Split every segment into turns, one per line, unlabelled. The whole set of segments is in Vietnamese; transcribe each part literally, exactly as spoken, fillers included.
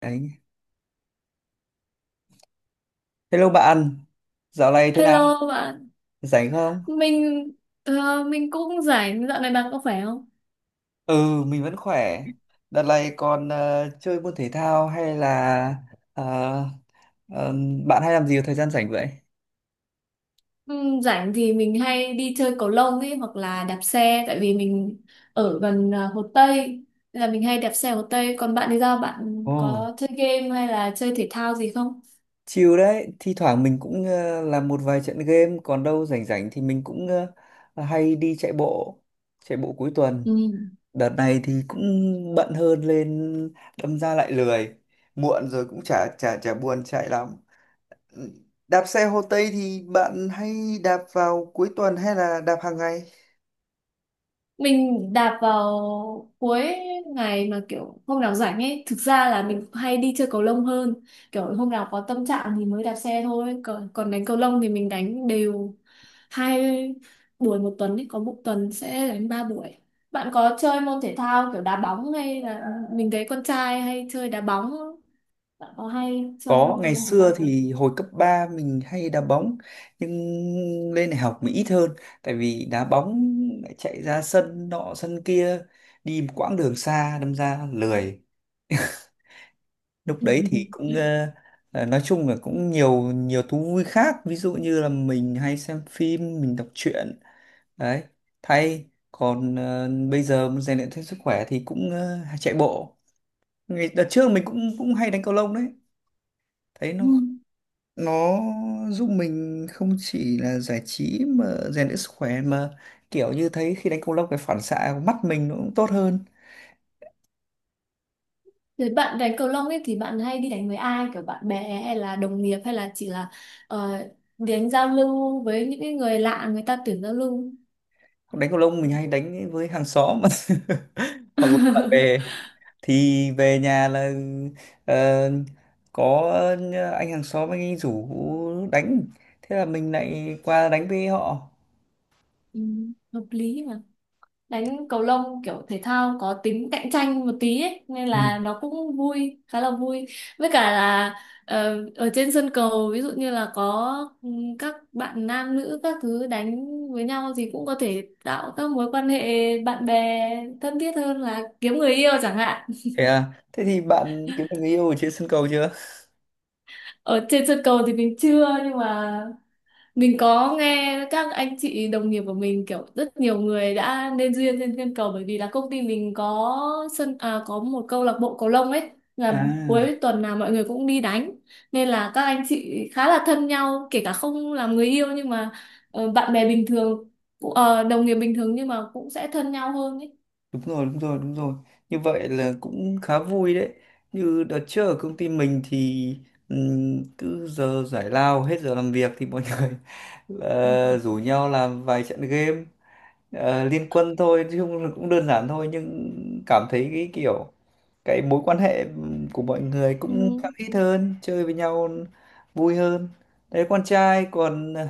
Đấy. Hello bạn, dạo này thế nào?
Hello bạn,
Rảnh không?
mình ờ, mình cũng rảnh, dạo này bạn có khỏe không?
Ừ, mình vẫn khỏe. Đợt này còn ờ, chơi môn thể thao hay là ờ, ờ, bạn hay làm gì vào thời gian rảnh vậy?
Ừm, rảnh thì mình hay đi chơi cầu lông ấy hoặc là đạp xe tại vì mình ở gần ờ, Hồ Tây nên là mình hay đạp xe Hồ Tây. Còn bạn thì sao? Bạn
Ồ,
có chơi game hay là chơi thể thao gì không?
chill đấy. Thi thoảng mình cũng ờ, làm một vài trận game, còn đâu rảnh rảnh thì mình cũng ờ, hay đi chạy bộ, chạy bộ cuối tuần.
Ừm.
Đợt này thì cũng bận hơn lên, đâm ra lại lười. Muộn rồi cũng chả chả chả buồn chạy lắm. Đạp xe Hồ Tây thì bạn hay đạp vào cuối tuần hay là đạp hàng ngày?
Mình đạp vào cuối ngày mà kiểu hôm nào rảnh ấy, thực ra là mình hay đi chơi cầu lông hơn. Kiểu hôm nào có tâm trạng thì mới đạp xe thôi, còn còn đánh cầu lông thì mình đánh đều hai buổi một tuần ấy, có một tuần sẽ đánh ba buổi. Bạn có chơi môn thể thao kiểu đá bóng hay là mình thấy con trai hay chơi đá bóng không? Bạn có hay chơi
Có, ngày
môn thể
xưa
thao kiểu
thì hồi cấp ba mình hay đá bóng nhưng lên đại học mình ít hơn tại vì đá bóng lại chạy ra sân nọ sân kia đi một quãng đường xa đâm ra lười. Lúc đấy thì cũng ờ, ờ, nói chung là cũng nhiều nhiều thú vui khác, ví dụ như là mình hay xem phim, mình đọc truyện đấy thay. Còn ờ, bây giờ muốn rèn luyện thêm sức khỏe thì cũng ờ, chạy bộ. Ngày đợt trước mình cũng cũng hay đánh cầu lông đấy, thấy
Ừ.
nó nó giúp mình không chỉ là giải trí mà rèn luyện sức khỏe, mà kiểu như thấy khi đánh cầu lông cái phản xạ của mắt mình nó cũng tốt hơn.
Rồi bạn đánh cầu lông ấy thì bạn hay đi đánh với ai, kiểu bạn bè hay là đồng nghiệp hay là chỉ là ờ, đánh giao lưu với những cái người lạ, người ta tuyển giao lưu.
Đánh cầu lông mình hay đánh với hàng xóm hoặc là bạn bè, thì về nhà là ờ, có anh hàng xóm, anh ấy rủ đánh, thế là mình lại qua đánh với họ.
Ừ. Hợp lý, đánh cầu lông kiểu thể thao có tính cạnh tranh một tí ấy, nên
Ừ.
là nó cũng vui, khá là vui. Với cả là ờ, ở trên sân cầu ví dụ như là có ừ, các bạn nam nữ các thứ đánh với nhau thì cũng có thể tạo các mối quan hệ bạn bè thân thiết hơn, là kiếm người yêu chẳng hạn.
Thế à, thế thì bạn kiếm được người yêu ở trên sân cầu chưa?
Ở trên sân cầu thì mình chưa, nhưng mà mình có nghe các anh chị đồng nghiệp của mình, kiểu rất nhiều người đã nên duyên trên thiên cầu, bởi vì là công ty mình có sân, à, có một câu lạc bộ cầu lông ấy, là
À,
cuối tuần nào mọi người cũng đi đánh, nên là các anh chị khá là thân nhau, kể cả không làm người yêu nhưng mà ờ, bạn bè bình thường cũng- ờ, đồng nghiệp bình thường nhưng mà cũng sẽ thân nhau hơn ấy.
đúng rồi, đúng rồi, đúng rồi, như vậy là cũng khá vui đấy. Như đợt trước ở công ty mình thì ừm, cứ giờ giải lao hết giờ làm việc thì mọi người là rủ nhau làm vài trận game, ờ, liên quân thôi chứ không, cũng đơn giản thôi, nhưng cảm thấy cái kiểu cái mối quan hệ của mọi người cũng
Ừ,
khăng khít hơn, chơi với nhau vui hơn đấy. Con trai còn ờ,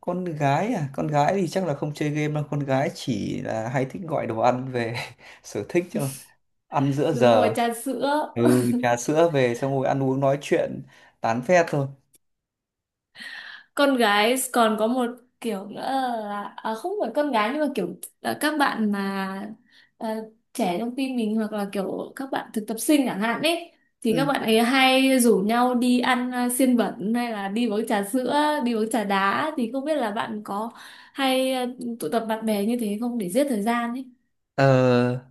con gái à, con gái thì chắc là không chơi game đâu, con gái chỉ là hay thích gọi đồ ăn về sở thích cho ăn giữa
đúng rồi,
giờ.
trà sữa.
Ừ, trà sữa về xong rồi ăn uống nói chuyện tán phét thôi.
Con gái còn có một kiểu nữa là à, không phải con gái nhưng mà kiểu là các bạn mà à, trẻ trong team mình hoặc là kiểu các bạn thực tập sinh chẳng hạn ấy, thì các
Ừ.
bạn ấy hay rủ nhau đi ăn à, xiên bẩn hay là đi uống trà sữa, đi uống trà đá. Thì không biết là bạn có hay à, tụ tập bạn bè như thế không, để giết thời gian ấy.
Ờ,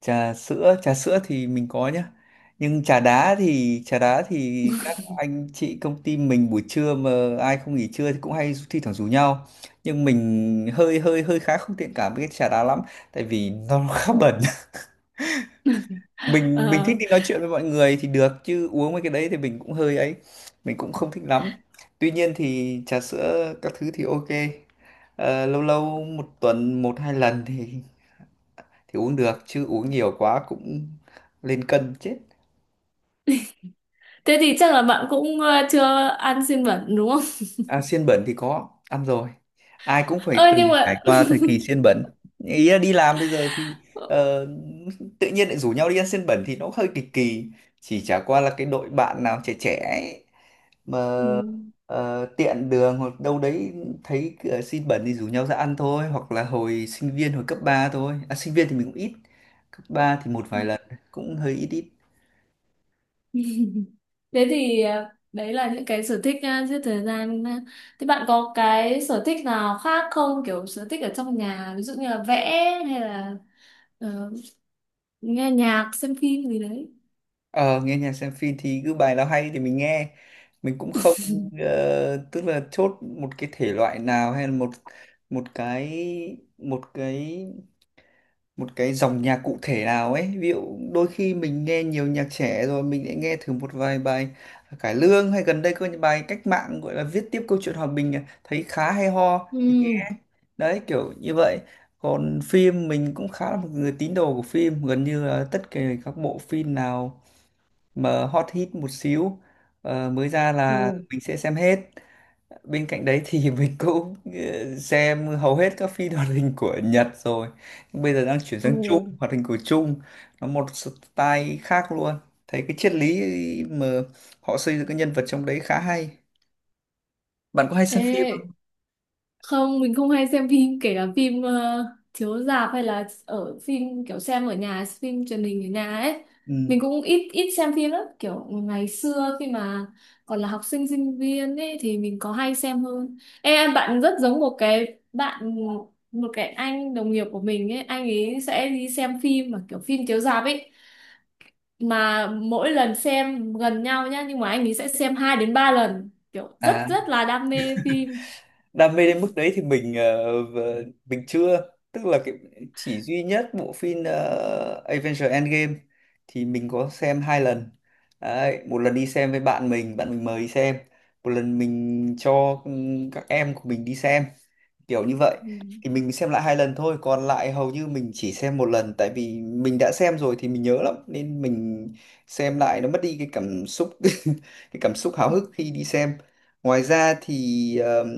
trà sữa trà sữa thì mình có nhá, nhưng trà đá thì, trà đá thì các anh chị công ty mình buổi trưa mà ai không nghỉ trưa thì cũng hay thi thoảng rủ nhau, nhưng mình hơi hơi hơi khá không thiện cảm với cái trà đá lắm tại vì nó khá bẩn. Mình mình thích
Ờ,
đi nói chuyện với mọi người thì được chứ uống mấy cái đấy thì mình cũng hơi ấy, mình cũng không thích lắm. Tuy nhiên thì trà sữa các thứ thì ok. Ờ, lâu lâu một tuần một hai lần thì thì uống được chứ uống nhiều quá cũng lên cân chết.
thế thì chắc là bạn cũng à, chưa ăn xiên bẩn đúng không?
À, xiên bẩn thì có ăn rồi, ai cũng phải
Ơ nhưng
từng trải
mà
qua thời kỳ xiên bẩn. Ý là đi làm bây giờ thì ờ, tự nhiên lại rủ nhau đi ăn xiên bẩn thì nó hơi kỳ kỳ, chỉ chả qua là cái đội bạn nào trẻ trẻ ấy,
ừ.
mà ờ, tiện đường hoặc đâu đấy thấy ờ, xiên bẩn thì rủ nhau ra ăn thôi. Hoặc là hồi sinh viên, hồi cấp ba thôi à, sinh viên thì mình cũng ít, cấp ba thì một vài lần, cũng hơi ít ít.
Thế thì à, đấy là những cái sở thích à, giết thời gian. À. Thế bạn có cái sở thích nào khác không? Kiểu sở thích ở trong nhà, ví dụ như là vẽ hay là ờ, nghe nhạc, xem phim gì đấy.
Ờ, nghe nhạc xem phim thì cứ bài nào hay thì mình nghe. Mình cũng không ờ, tức là chốt một cái thể loại nào hay là một một cái một cái một cái dòng nhạc cụ thể nào ấy. Ví dụ đôi khi mình nghe nhiều nhạc trẻ rồi mình lại nghe thử một vài bài cải lương, hay gần đây có những bài cách mạng gọi là viết tiếp câu chuyện hòa bình à, thấy khá hay ho
Ừ.
thì đấy, kiểu như vậy. Còn phim mình cũng khá là một người tín đồ của phim, gần như là tất cả các bộ phim nào mà hot hit một xíu ờ, mới ra
Ồ.
là mình sẽ xem hết. Bên cạnh đấy thì mình cũng ờ, xem hầu hết các phim hoạt hình của Nhật rồi. Nhưng bây giờ đang chuyển
Ồ.
sang Trung, hoạt hình của Trung, nó một style khác luôn, thấy cái triết lý mà họ xây dựng cái nhân vật trong đấy khá hay. Bạn có hay xem phim không?
Ê, không, mình không hay xem phim, kể cả phim ờ, chiếu rạp hay là ở phim kiểu xem ở nhà, phim truyền hình ở nhà ấy.
Ừ.
Mình cũng ít ít xem phim lắm, kiểu ngày xưa khi mà còn là học sinh sinh viên ấy thì mình có hay xem hơn. Ê, em bạn rất giống một cái bạn, một cái anh đồng nghiệp của mình ấy, anh ấy sẽ đi xem phim mà kiểu phim chiếu rạp ấy. Mà mỗi lần xem gần nhau nhá, nhưng mà anh ấy sẽ xem hai đến ba lần, kiểu rất
À,
rất là đam mê phim.
đam mê đến mức đấy thì mình ờ, v- mình chưa, tức là cái chỉ duy nhất bộ phim ờ, Avengers Endgame thì mình có xem hai lần đấy, một lần đi xem với bạn mình, bạn mình mời đi xem, một lần mình cho ừ, các em của mình đi xem, kiểu như vậy. Thì mình xem lại hai lần thôi, còn lại hầu như mình chỉ xem một lần, tại vì mình đã xem rồi thì mình nhớ lắm nên mình xem lại nó mất đi cái cảm xúc, cái cảm xúc háo hức khi đi xem. Ngoài ra thì ờm,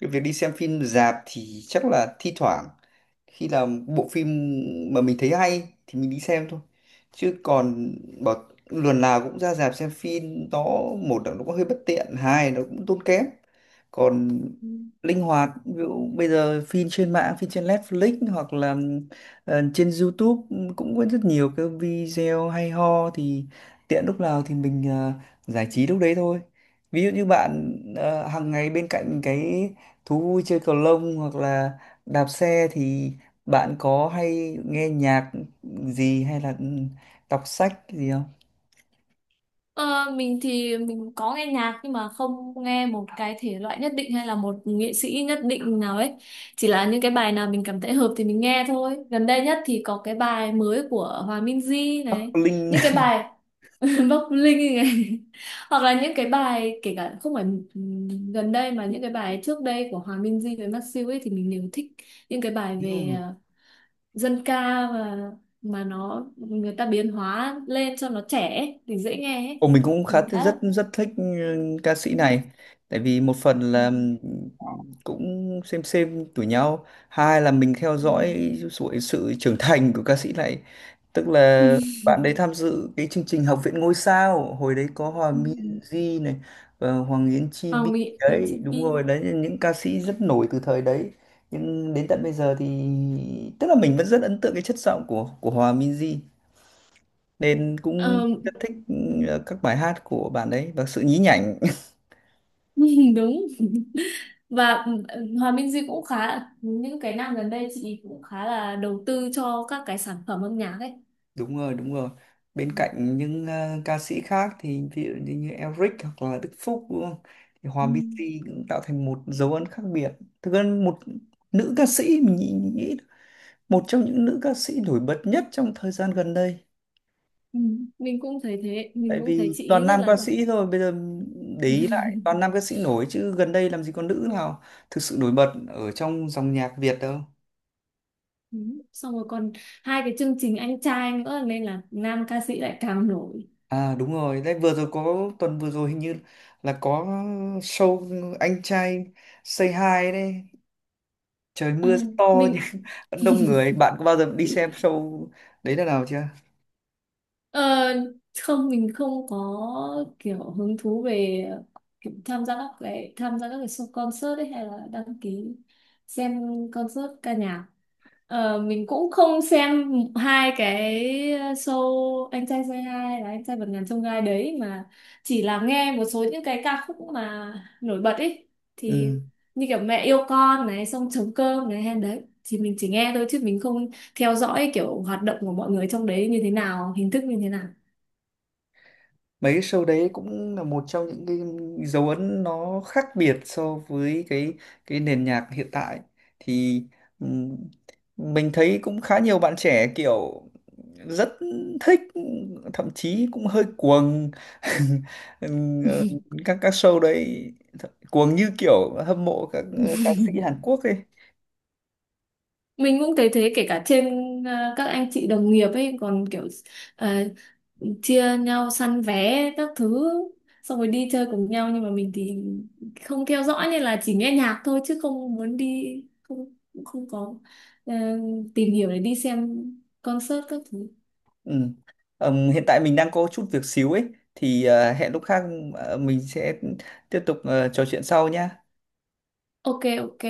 cái việc đi xem phim rạp thì chắc là thi thoảng khi nào bộ phim mà mình thấy hay thì mình đi xem thôi, chứ còn bảo lần nào cũng ra rạp xem phim nó, một là nó cũng hơi bất tiện, hai là nó cũng tốn kém. Còn
Ừ.
linh hoạt ví dụ bây giờ phim trên mạng, phim trên Netflix hoặc là ờ, trên YouTube cũng có rất nhiều cái video hay ho thì tiện lúc nào thì mình ờ, giải trí lúc đấy thôi. Ví dụ như bạn ờ, hàng ngày bên cạnh cái thú vui chơi cầu lông hoặc là đạp xe thì bạn có hay nghe nhạc gì hay là ừ, đọc sách gì không?
Ờ, mình thì mình có nghe nhạc nhưng mà không nghe một cái thể loại nhất định hay là một nghệ sĩ nhất định nào ấy, chỉ là những cái bài nào mình cảm thấy hợp thì mình nghe thôi. Gần đây nhất thì có cái bài mới của Hòa Minzy
Bắc
này,
Linh.
những cái bài Bắc Linh này, hoặc là những cái bài kể cả không phải ừm, gần đây, mà những cái bài trước đây của Hòa Minzy với Masew ấy thì mình đều thích, những cái bài về ờ, dân ca mà mà nó người ta biến hóa lên cho nó trẻ ấy, thì dễ nghe ấy.
Ồ, mình cũng khá
Mình
thích,
khá là
rất rất thích ừ, ca sĩ này. Tại vì một phần
ừ.
là ừ, cũng xem xem tuổi nhau, hai là mình theo dõi sự, sự trưởng thành của ca sĩ này, tức là
Ừ.
bạn đấy tham dự cái chương trình Học viện ngôi sao hồi đấy có Hòa
Ừ.
Minzy này và Hoàng Yến Chi Bi.
Hoàng Mỹ đến
Đấy,
trên
đúng
Pi.
rồi đấy, những ca sĩ rất nổi từ thời đấy, nhưng đến tận bây giờ thì tức là mình vẫn rất ấn tượng cái chất giọng của của Hòa Minzy nên cũng
Ờ,
rất thích ờ, các bài hát của bạn ấy và sự nhí nhảnh.
đúng. Và Hòa Minh Duy cũng khá, những cái năm gần đây chị cũng khá là đầu tư cho các cái sản phẩm âm nhạc ấy.
Đúng rồi, đúng rồi, bên cạnh những ờ, ca sĩ khác thì ví dụ như, như Elric hoặc là Đức Phúc đúng không, thì Hòa
Ừ.
Minzy cũng tạo thành một dấu ấn khác biệt. Thực ra một nữ ca sĩ mình nghĩ, nghĩ một trong những nữ ca sĩ nổi bật nhất trong thời gian gần đây,
Ừ. Mình cũng thấy thế, mình
tại
cũng thấy
vì
chị ấy
toàn
rất
nam
là
ca sĩ thôi bây giờ, để ý lại toàn nam ca sĩ nổi chứ gần đây làm gì có nữ nào thực sự nổi bật ở trong dòng nhạc Việt đâu.
Ừ. Xong rồi còn hai cái chương trình anh trai nữa nên là nam ca sĩ lại càng nổi.
À đúng rồi, đấy vừa rồi có, tuần vừa rồi hình như là có show anh trai Say Hi đấy, trời
Ờ,
mưa rất to
mình
nhưng vẫn đông người. Bạn có bao giờ đi xem show đấy lần nào chưa?
ờ, Không, mình không có kiểu hứng thú về kiểu tham gia các cái tham gia các cái show concert ấy, hay là đăng ký xem concert ca nhạc. Ờ, mình cũng không xem hai cái show anh trai Say Hi, là anh trai vượt ngàn chông gai đấy mà, chỉ là nghe một số những cái ca khúc mà nổi bật ấy thì,
Ừ.
như kiểu mẹ yêu con này, xong trống cơm này hay đấy, thì mình chỉ nghe thôi chứ mình không theo dõi kiểu hoạt động của mọi người trong đấy như thế nào, hình thức như thế nào.
Mấy show đấy cũng là một trong những cái dấu ấn nó khác biệt so với cái cái nền nhạc hiện tại thì ừm, mình thấy cũng khá nhiều bạn trẻ kiểu rất thích, thậm chí cũng hơi cuồng. Ừm, ờ, các các show đấy cuồng như kiểu hâm mộ các ờ, ca sĩ Hàn Quốc ấy.
Mình cũng thấy thế, kể cả trên ờ, các anh chị đồng nghiệp ấy còn kiểu ờ, chia nhau săn vé các thứ xong rồi đi chơi cùng nhau, nhưng mà mình thì không theo dõi nên là chỉ nghe nhạc thôi, chứ không muốn đi, không cũng không có ờ, tìm hiểu để đi xem concert các thứ.
Ừm. Ừm, hiện tại mình đang có chút việc xíu ấy thì ờ, hẹn lúc khác, ờ, mình sẽ tiếp tục ờ, trò chuyện sau nhá.
Ok, ok.